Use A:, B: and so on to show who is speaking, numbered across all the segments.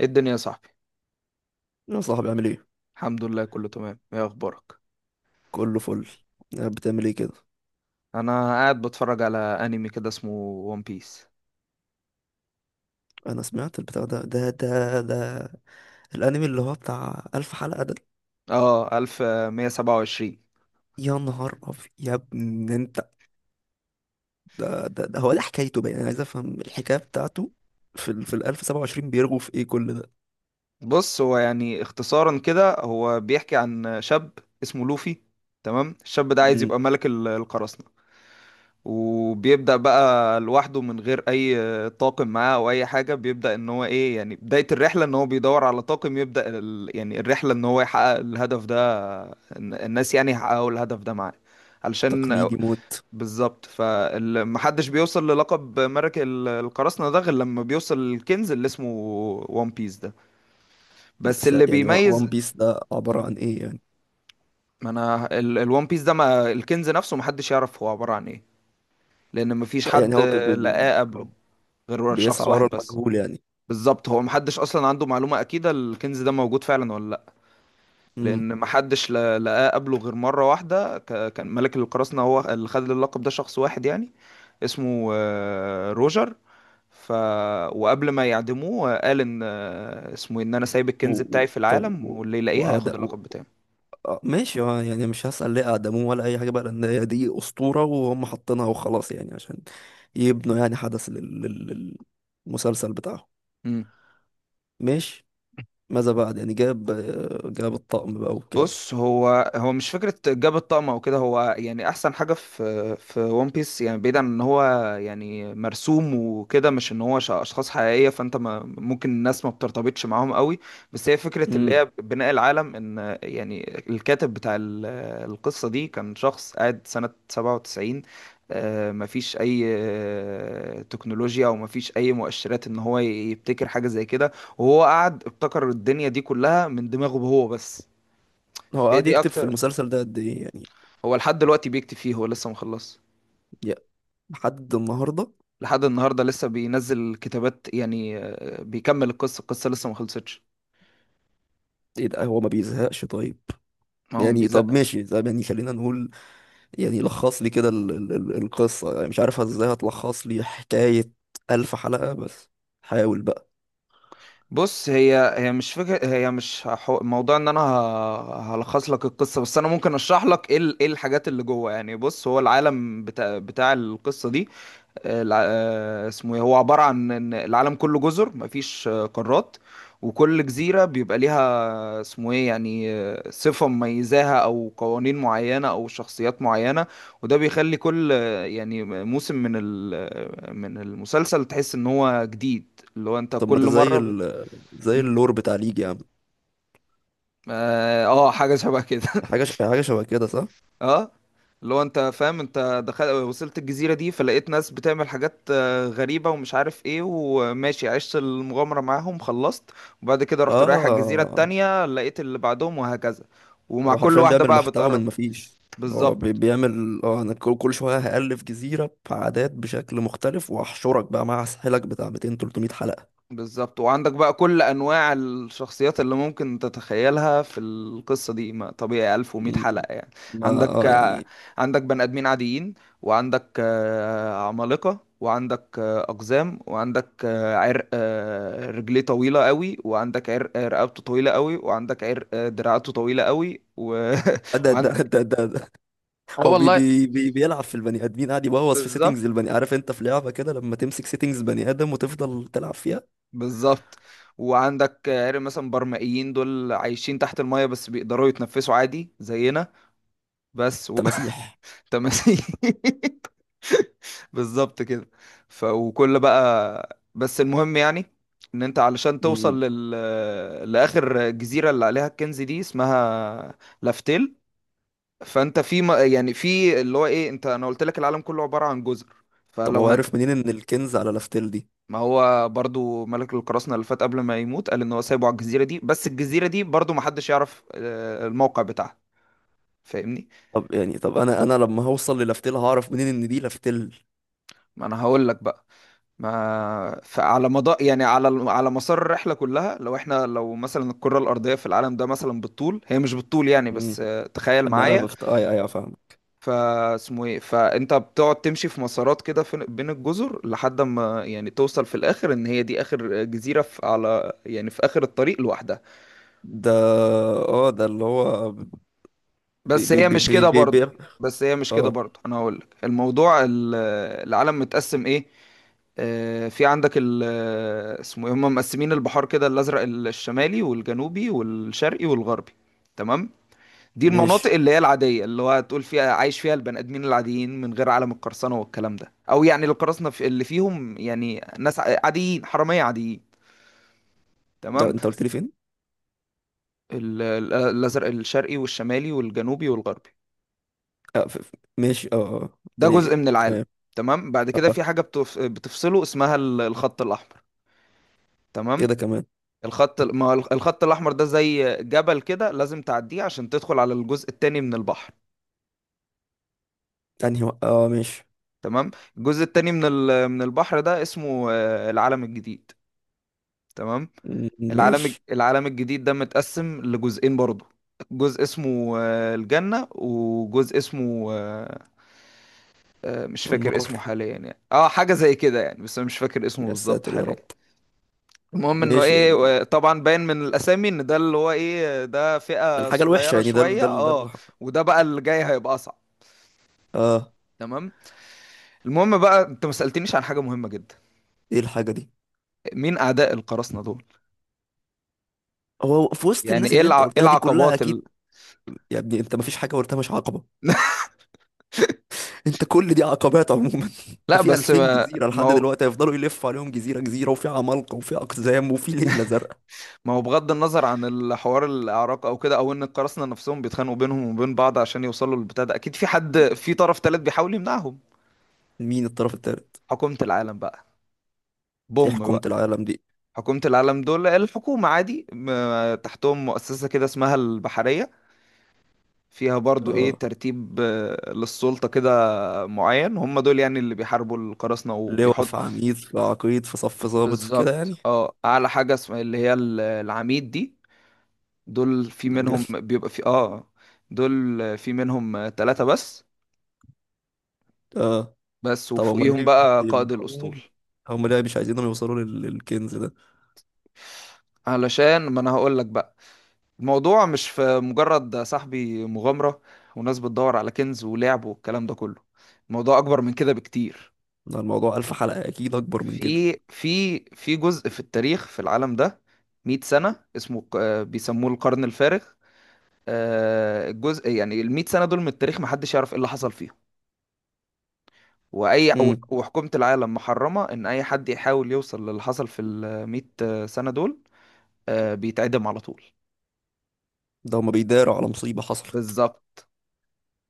A: ايه الدنيا يا صاحبي؟
B: يا صاحبي، عامل ايه؟
A: الحمد لله، كله تمام. ايه اخبارك؟
B: كله فل. قاعد بتعمل ايه كده؟
A: انا قاعد بتفرج على انمي كده اسمه ون بيس.
B: انا سمعت البتاع ده. الانمي اللي هو بتاع الف حلقة ده.
A: اه، 1127.
B: يا نهار ابيض يا ابن انت. ده هو ده حكايته بقى، انا عايز افهم الحكاية بتاعته. في ال 1027، بيرغوا في ايه كل ده؟
A: بص، هو يعني اختصارا كده هو بيحكي عن شاب اسمه لوفي. تمام، الشاب ده عايز
B: مم.
A: يبقى ملك القراصنة. وبيبدأ بقى لوحده من غير اي طاقم معاه او اي حاجة. بيبدأ ان هو ايه، يعني بداية الرحلة ان هو بيدور على طاقم يبدأ يعني الرحلة ان هو يحقق الهدف ده. الناس يعني يحققوا الهدف ده معاه. علشان...
B: تقليدي موت.
A: بالظبط. فمحدش بيوصل للقب ملك القراصنة ده غير لما بيوصل للكنز اللي اسمه وان بيس ده. بس اللي
B: يعني
A: بيميز...
B: وان بيس ده عبارة عن ايه يعني؟
A: ما انا الوان بيس ده، ما الكنز نفسه محدش يعرف هو عبارة عن ايه، لان مفيش
B: يعني
A: حد
B: هو بي بي بي
A: لقاه قبله غير شخص
B: بيسعى ورا
A: واحد بس.
B: المجهول يعني.
A: بالظبط، هو محدش اصلا عنده معلومة اكيدة الكنز ده موجود فعلا ولا لا.
B: امم.
A: لان محدش لقاه قبله غير مرة واحدة، كان ملك القراصنة هو اللي خد اللقب ده شخص واحد يعني، اسمه روجر. ف... وقبل ما يعدموه قال ان اسمه إيه، ان انا سايب الكنز بتاعي في
B: طب
A: العالم واللي يلاقيه هياخد
B: وأعداء.
A: اللقب بتاعي.
B: ماشي. يعني مش هسأل ليه أقدموه ولا أي حاجة بقى، لأن هي دي أسطورة وهم حاطينها وخلاص يعني، عشان يبنوا يعني حدث للمسلسل بتاعهم.
A: مم.
B: ماشي. ماذا بعد؟ يعني جاب الطقم بقى وكده.
A: بص، هو مش فكرة جاب الطقم او كده. هو يعني احسن حاجة في ون بيس، يعني بعيدا عن ان هو يعني مرسوم وكده، مش ان هو اشخاص حقيقية، فانت ما ممكن الناس ما بترتبطش معاهم قوي. بس هي فكرة اللي
B: امم.
A: هي بناء العالم، ان يعني الكاتب بتاع القصة دي كان شخص قاعد سنة 97. مفيش اي تكنولوجيا او مفيش اي مؤشرات ان هو يبتكر حاجة زي كده، وهو قعد ابتكر الدنيا دي كلها من دماغه هو بس.
B: هو
A: فهي
B: قاعد
A: دي
B: يكتب في
A: اكتر...
B: المسلسل ده قد إيه يعني؟
A: هو لحد دلوقتي بيكتب فيه، هو لسه مخلص.
B: يا- لحد النهاردة؟
A: لحد النهارده لسه بينزل كتابات يعني، بيكمل القصه لسه ما خلصتش.
B: إيه ده، هو ما بيزهقش؟ طيب
A: ما هو
B: يعني، طب
A: بيزق.
B: ماشي، طب يعني خلينا نقول، يعني لخص لي كده القصة. يعني مش عارف ازاي هتلخص لي حكاية ألف حلقة، بس حاول بقى.
A: بص، هي مش فكره، هي مش موضوع ان انا هلخص لك القصه، بس انا ممكن اشرح لك ايه ايه الحاجات اللي جوه يعني. بص، هو العالم بتاع القصه دي، اسمه ايه، هو عبارة عن ان العالم كله جزر، مفيش قارات. وكل جزيرة بيبقى ليها اسمه ايه يعني صفة مميزاها او قوانين معينة او شخصيات معينة. وده بيخلي كل يعني موسم من من المسلسل تحس ان هو جديد. اللي هو انت
B: طب ما ده
A: كل
B: زي
A: مرة
B: زي
A: مم.
B: اللور بتاع ليج يا عم.
A: اه، حاجة شبه كده.
B: حاجه شبه كده صح؟
A: اه، اللي هو انت فاهم، انت دخلت وصلت الجزيرة دي فلقيت ناس بتعمل حاجات غريبة ومش عارف ايه، وماشي عشت المغامرة معاهم، خلصت. وبعد كده رحت رايح على الجزيرة
B: اه.
A: التانية، لقيت اللي بعدهم، وهكذا. ومع
B: هو
A: كل
B: حرفيا
A: واحدة
B: بيعمل
A: بقى
B: محتوى من
A: بتقرب.
B: مفيش. هو
A: بالظبط.
B: بيعمل، انا كل شويه هألف جزيره بعادات بشكل مختلف واحشرك بقى مع سحلك بتاع 200 300 حلقه.
A: بالظبط، وعندك بقى كل انواع الشخصيات اللي ممكن تتخيلها في القصه دي، ما طبيعي، 1100
B: مم.
A: حلقه يعني.
B: ما
A: عندك آه،
B: يعني.
A: عندك بني ادمين عاديين، وعندك عمالقه، وعندك اقزام، وعندك عرق رجليه طويله قوي، وعندك عرق رقبته طويله قوي، وعندك عرق دراعاته طويله قوي
B: ده ده
A: وعندك...
B: ده ده, ده.
A: اه
B: هو بي
A: والله.
B: بي بي بيلعب في البني ادمين، قاعد يبوظ في
A: بالظبط.
B: سيتنجز البني. عارف انت في لعبه كده لما تمسك سيتنجز بني ادم وتفضل تلعب فيها.
A: بالظبط. وعندك عرق مثلا برمائيين، دول عايشين تحت المايه بس بيقدروا يتنفسوا عادي زينا. بس و...
B: تماسيح.
A: تماثيل. بالظبط كده. ف وكل بقى، بس المهم يعني ان انت علشان
B: مم.
A: توصل لاخر جزيره اللي عليها الكنز دي، اسمها لافتيل. فانت في يعني في اللي هو ايه، انت انا قلت لك العالم كله عباره عن جزر.
B: طب
A: فلو
B: هو
A: هن...
B: عارف منين ان الكنز على لافتيل دي؟
A: ما هو برضو ملك القراصنة اللي فات قبل ما يموت قال ان هو سايبه على الجزيرة دي. بس الجزيرة دي برضو محدش يعرف الموقع بتاعها، فاهمني.
B: طب يعني، طب انا لما هوصل للافتيل هعرف منين ان دي لافتيل؟
A: ما انا هقول لك بقى. ما فعلى مدار يعني على على مسار الرحله كلها، لو احنا لو مثلا الكره الارضيه في العالم ده مثلا بالطول، هي مش بالطول يعني،
B: امم.
A: بس تخيل
B: اما انا
A: معايا.
B: بخت، اي فاهم.
A: فاسمه ايه، فانت بتقعد تمشي في مسارات كده بين الجزر لحد ما يعني توصل في الاخر ان هي دي اخر جزيره في على يعني في اخر الطريق لوحدها.
B: ده، اه ده اللي هو بي
A: بس
B: بي
A: هي
B: بي
A: مش
B: بي
A: كده
B: بي بي
A: برضه. بس هي مش كده
B: اه
A: برضه، انا هقول لك الموضوع العالم متقسم ايه. في عندك ال اسمه ايه، هم مقسمين البحار كده: الازرق الشمالي والجنوبي والشرقي والغربي. تمام. دي المناطق
B: ماشي.
A: اللي هي العاديه اللي هو هتقول فيها عايش فيها البني ادمين العاديين من غير عالم القرصنه والكلام ده، او يعني القراصنه في اللي فيهم يعني ناس عاديين، حراميه عاديين.
B: ده
A: تمام.
B: انت قلت لي فين؟
A: الازرق الشرقي والشمالي والجنوبي والغربي،
B: ماشي، اه. اه، قلت
A: ده جزء
B: لي.
A: من العالم.
B: تمام.
A: تمام. بعد
B: اه.
A: كده في حاجه بتفصله اسمها الخط الاحمر.
B: ايه
A: تمام.
B: ده كمان؟
A: الخط، ما هو الخط الاحمر ده زي جبل كده، لازم تعديه عشان تدخل على الجزء التاني من البحر.
B: انهي اه، ماشي.
A: تمام. الجزء التاني من من البحر ده اسمه العالم الجديد. تمام.
B: م- ماشي.
A: العالم الجديد ده متقسم لجزئين برضو. جزء اسمه الجنة، وجزء اسمه مش فاكر
B: النار.
A: اسمه حاليا يعني، اه، حاجة زي كده يعني، بس انا مش فاكر اسمه
B: يا
A: بالظبط
B: ساتر يا
A: حاليا.
B: رب.
A: المهم انه
B: ماشي
A: ايه
B: يعني.
A: طبعا باين من الاسامي ان ده اللي هو ايه، ده فئة
B: الحاجة الوحشة
A: صغيرة
B: يعني ده ال-
A: شوية،
B: ده ال- ده
A: اه.
B: الح-
A: وده بقى اللي جاي هيبقى اصعب.
B: اه.
A: تمام. المهم بقى، انت ما سألتنيش عن حاجة مهمة جدا:
B: ايه الحاجة دي؟
A: مين اعداء القراصنة دول.
B: هو في وسط
A: يعني
B: الناس
A: ايه
B: اللي انت
A: ايه
B: قلتها دي كلها
A: العقبات
B: اكيد. يا ابني انت مفيش حاجة قلتها مش عقبة. انت كل دي عقبات عموما. انت
A: لا،
B: في
A: بس
B: 2000
A: ما
B: جزيره
A: ما
B: لحد
A: هو
B: دلوقتي هيفضلوا يلفوا عليهم جزيره جزيره، وفي عمالقه وفي اقزام وفي ليله زرقاء.
A: ما هو بغض النظر عن الحوار الاعراق او كده، او ان القراصنة نفسهم بيتخانقوا بينهم وبين بعض عشان يوصلوا للبتاع ده، اكيد في حد، في طرف تالت بيحاول يمنعهم.
B: مين الطرف الثالث؟
A: حكومة العالم بقى.
B: دي
A: بوم
B: حكومه
A: بقى.
B: العالم دي؟
A: حكومة العالم، دول الحكومة عادي، تحتهم مؤسسة كده اسمها البحرية، فيها برضو ايه
B: اه.
A: ترتيب للسلطة كده معين. هم دول يعني اللي بيحاربوا القراصنة
B: لواء في
A: وبيحط...
B: عميد في عقيد في صف ضابط في كده يعني.
A: بالظبط، اه. اعلى حاجة اسمها اللي هي العميد دي. دول في
B: ده بجد.
A: منهم بيبقى في اه، دول في منهم ثلاثة بس،
B: اه.
A: بس.
B: طب امال
A: وفوقيهم
B: ليه
A: بقى قائد الأسطول.
B: بيمنعوهم؟ هم ليه مش عايزينهم يوصلوا للكنز ده؟
A: علشان ما انا هقول لك بقى. الموضوع مش في مجرد صاحبي مغامرة وناس بتدور على كنز ولعب والكلام ده كله. الموضوع أكبر من كده بكتير.
B: ده الموضوع الف حلقه اكيد اكبر من كده.
A: في جزء في التاريخ في العالم ده، 100 سنة اسمه بيسموه القرن الفارغ. الجزء يعني ال 100 سنة دول من التاريخ محدش يعرف ايه اللي حصل فيهم. وأي
B: امم.
A: وحكومة العالم محرمة إن أي حد يحاول يوصل للي حصل في ال 100 سنة دول، بيتعدم على طول.
B: ده هم بيداروا على مصيبه حصلت.
A: بالظبط.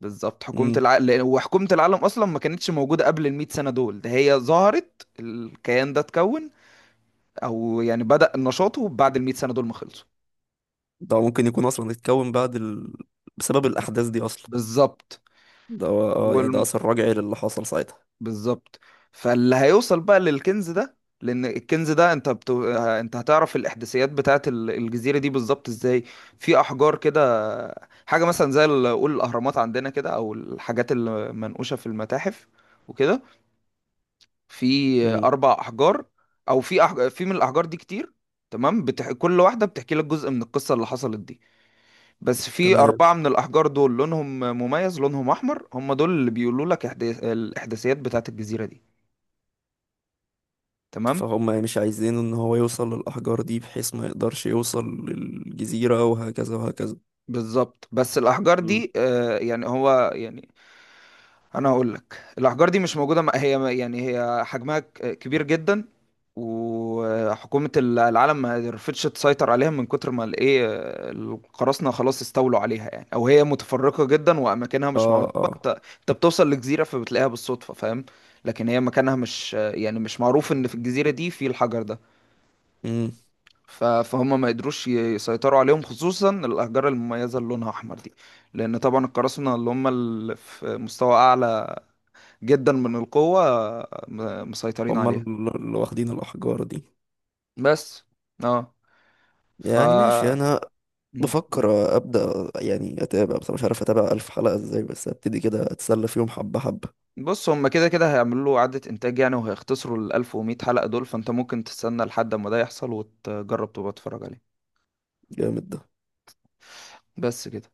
A: بالظبط. حكومة
B: امم.
A: العالم لأن، وحكومة العالم أصلا ما كانتش موجودة قبل المئة سنة دول. ده هي ظهرت، الكيان ده اتكون، أو يعني بدأ نشاطه بعد المئة سنة دول ما خلصوا.
B: ده ممكن يكون اصلا اتكون بعد بسبب الاحداث دي اصلا.
A: بالظبط.
B: ده هو، يعني ده
A: والم...
B: اثر رجعي للي حصل ساعتها.
A: بالظبط. فاللي هيوصل بقى للكنز ده، لأن الكنز ده أنت أنت هتعرف الإحداثيات بتاعة الجزيرة دي بالظبط إزاي؟ في أحجار كده، حاجة مثلا زي قول الأهرامات عندنا كده، أو الحاجات المنقوشة في المتاحف وكده. في
B: امم.
A: اربع احجار، او في في من الاحجار دي كتير. تمام. كل واحده بتحكي لك جزء من القصه اللي حصلت دي. بس في
B: تمام.
A: اربعه من الاحجار دول لونهم مميز، لونهم احمر، هم دول اللي بيقولوا لك الاحداثيات بتاعت الجزيره دي. تمام.
B: فهم مش عايزين ان هو يوصل للاحجار دي بحيث ما يقدرش يوصل للجزيره، وهكذا وهكذا.
A: بالظبط. بس الاحجار
B: مم.
A: دي، آه يعني هو يعني، انا هقول لك، الاحجار دي مش موجوده. هي يعني هي حجمها كبير جدا، وحكومة العالم ما رفضتش تسيطر عليها من كتر ما الايه، القراصنة خلاص استولوا عليها يعني، او هي متفرقة جدا واماكنها مش
B: اه،
A: معروفة.
B: اه.
A: انت انت بتوصل لجزيرة فبتلاقيها بالصدفة، فاهم؟ لكن هي مكانها مش يعني مش معروف ان في الجزيرة دي في الحجر ده.
B: امم.
A: فهم ما قدروش يسيطروا عليهم، خصوصا الأحجار المميزة اللي لونها أحمر دي، لأن طبعا القراصنة اللي هم اللي في مستوى أعلى جدا من القوة مسيطرين
B: هم
A: عليها
B: اللي واخدين الاحجار دي.
A: بس. اه. ف.
B: يعني ماشي، انا
A: مم.
B: بفكر ابدا يعني اتابع، بس مش عارف اتابع الف حلقه ازاي، بس ابتدي كده اتسلى فيهم حبه حبه.
A: بص، هم كده كده هيعملوا له إعادة إنتاج يعني، وهيختصروا ال 1100 حلقة دول. فأنت ممكن تستنى لحد ما ده يحصل وتجرب تبقى تتفرج عليه.
B: جامد ده.
A: بس كده.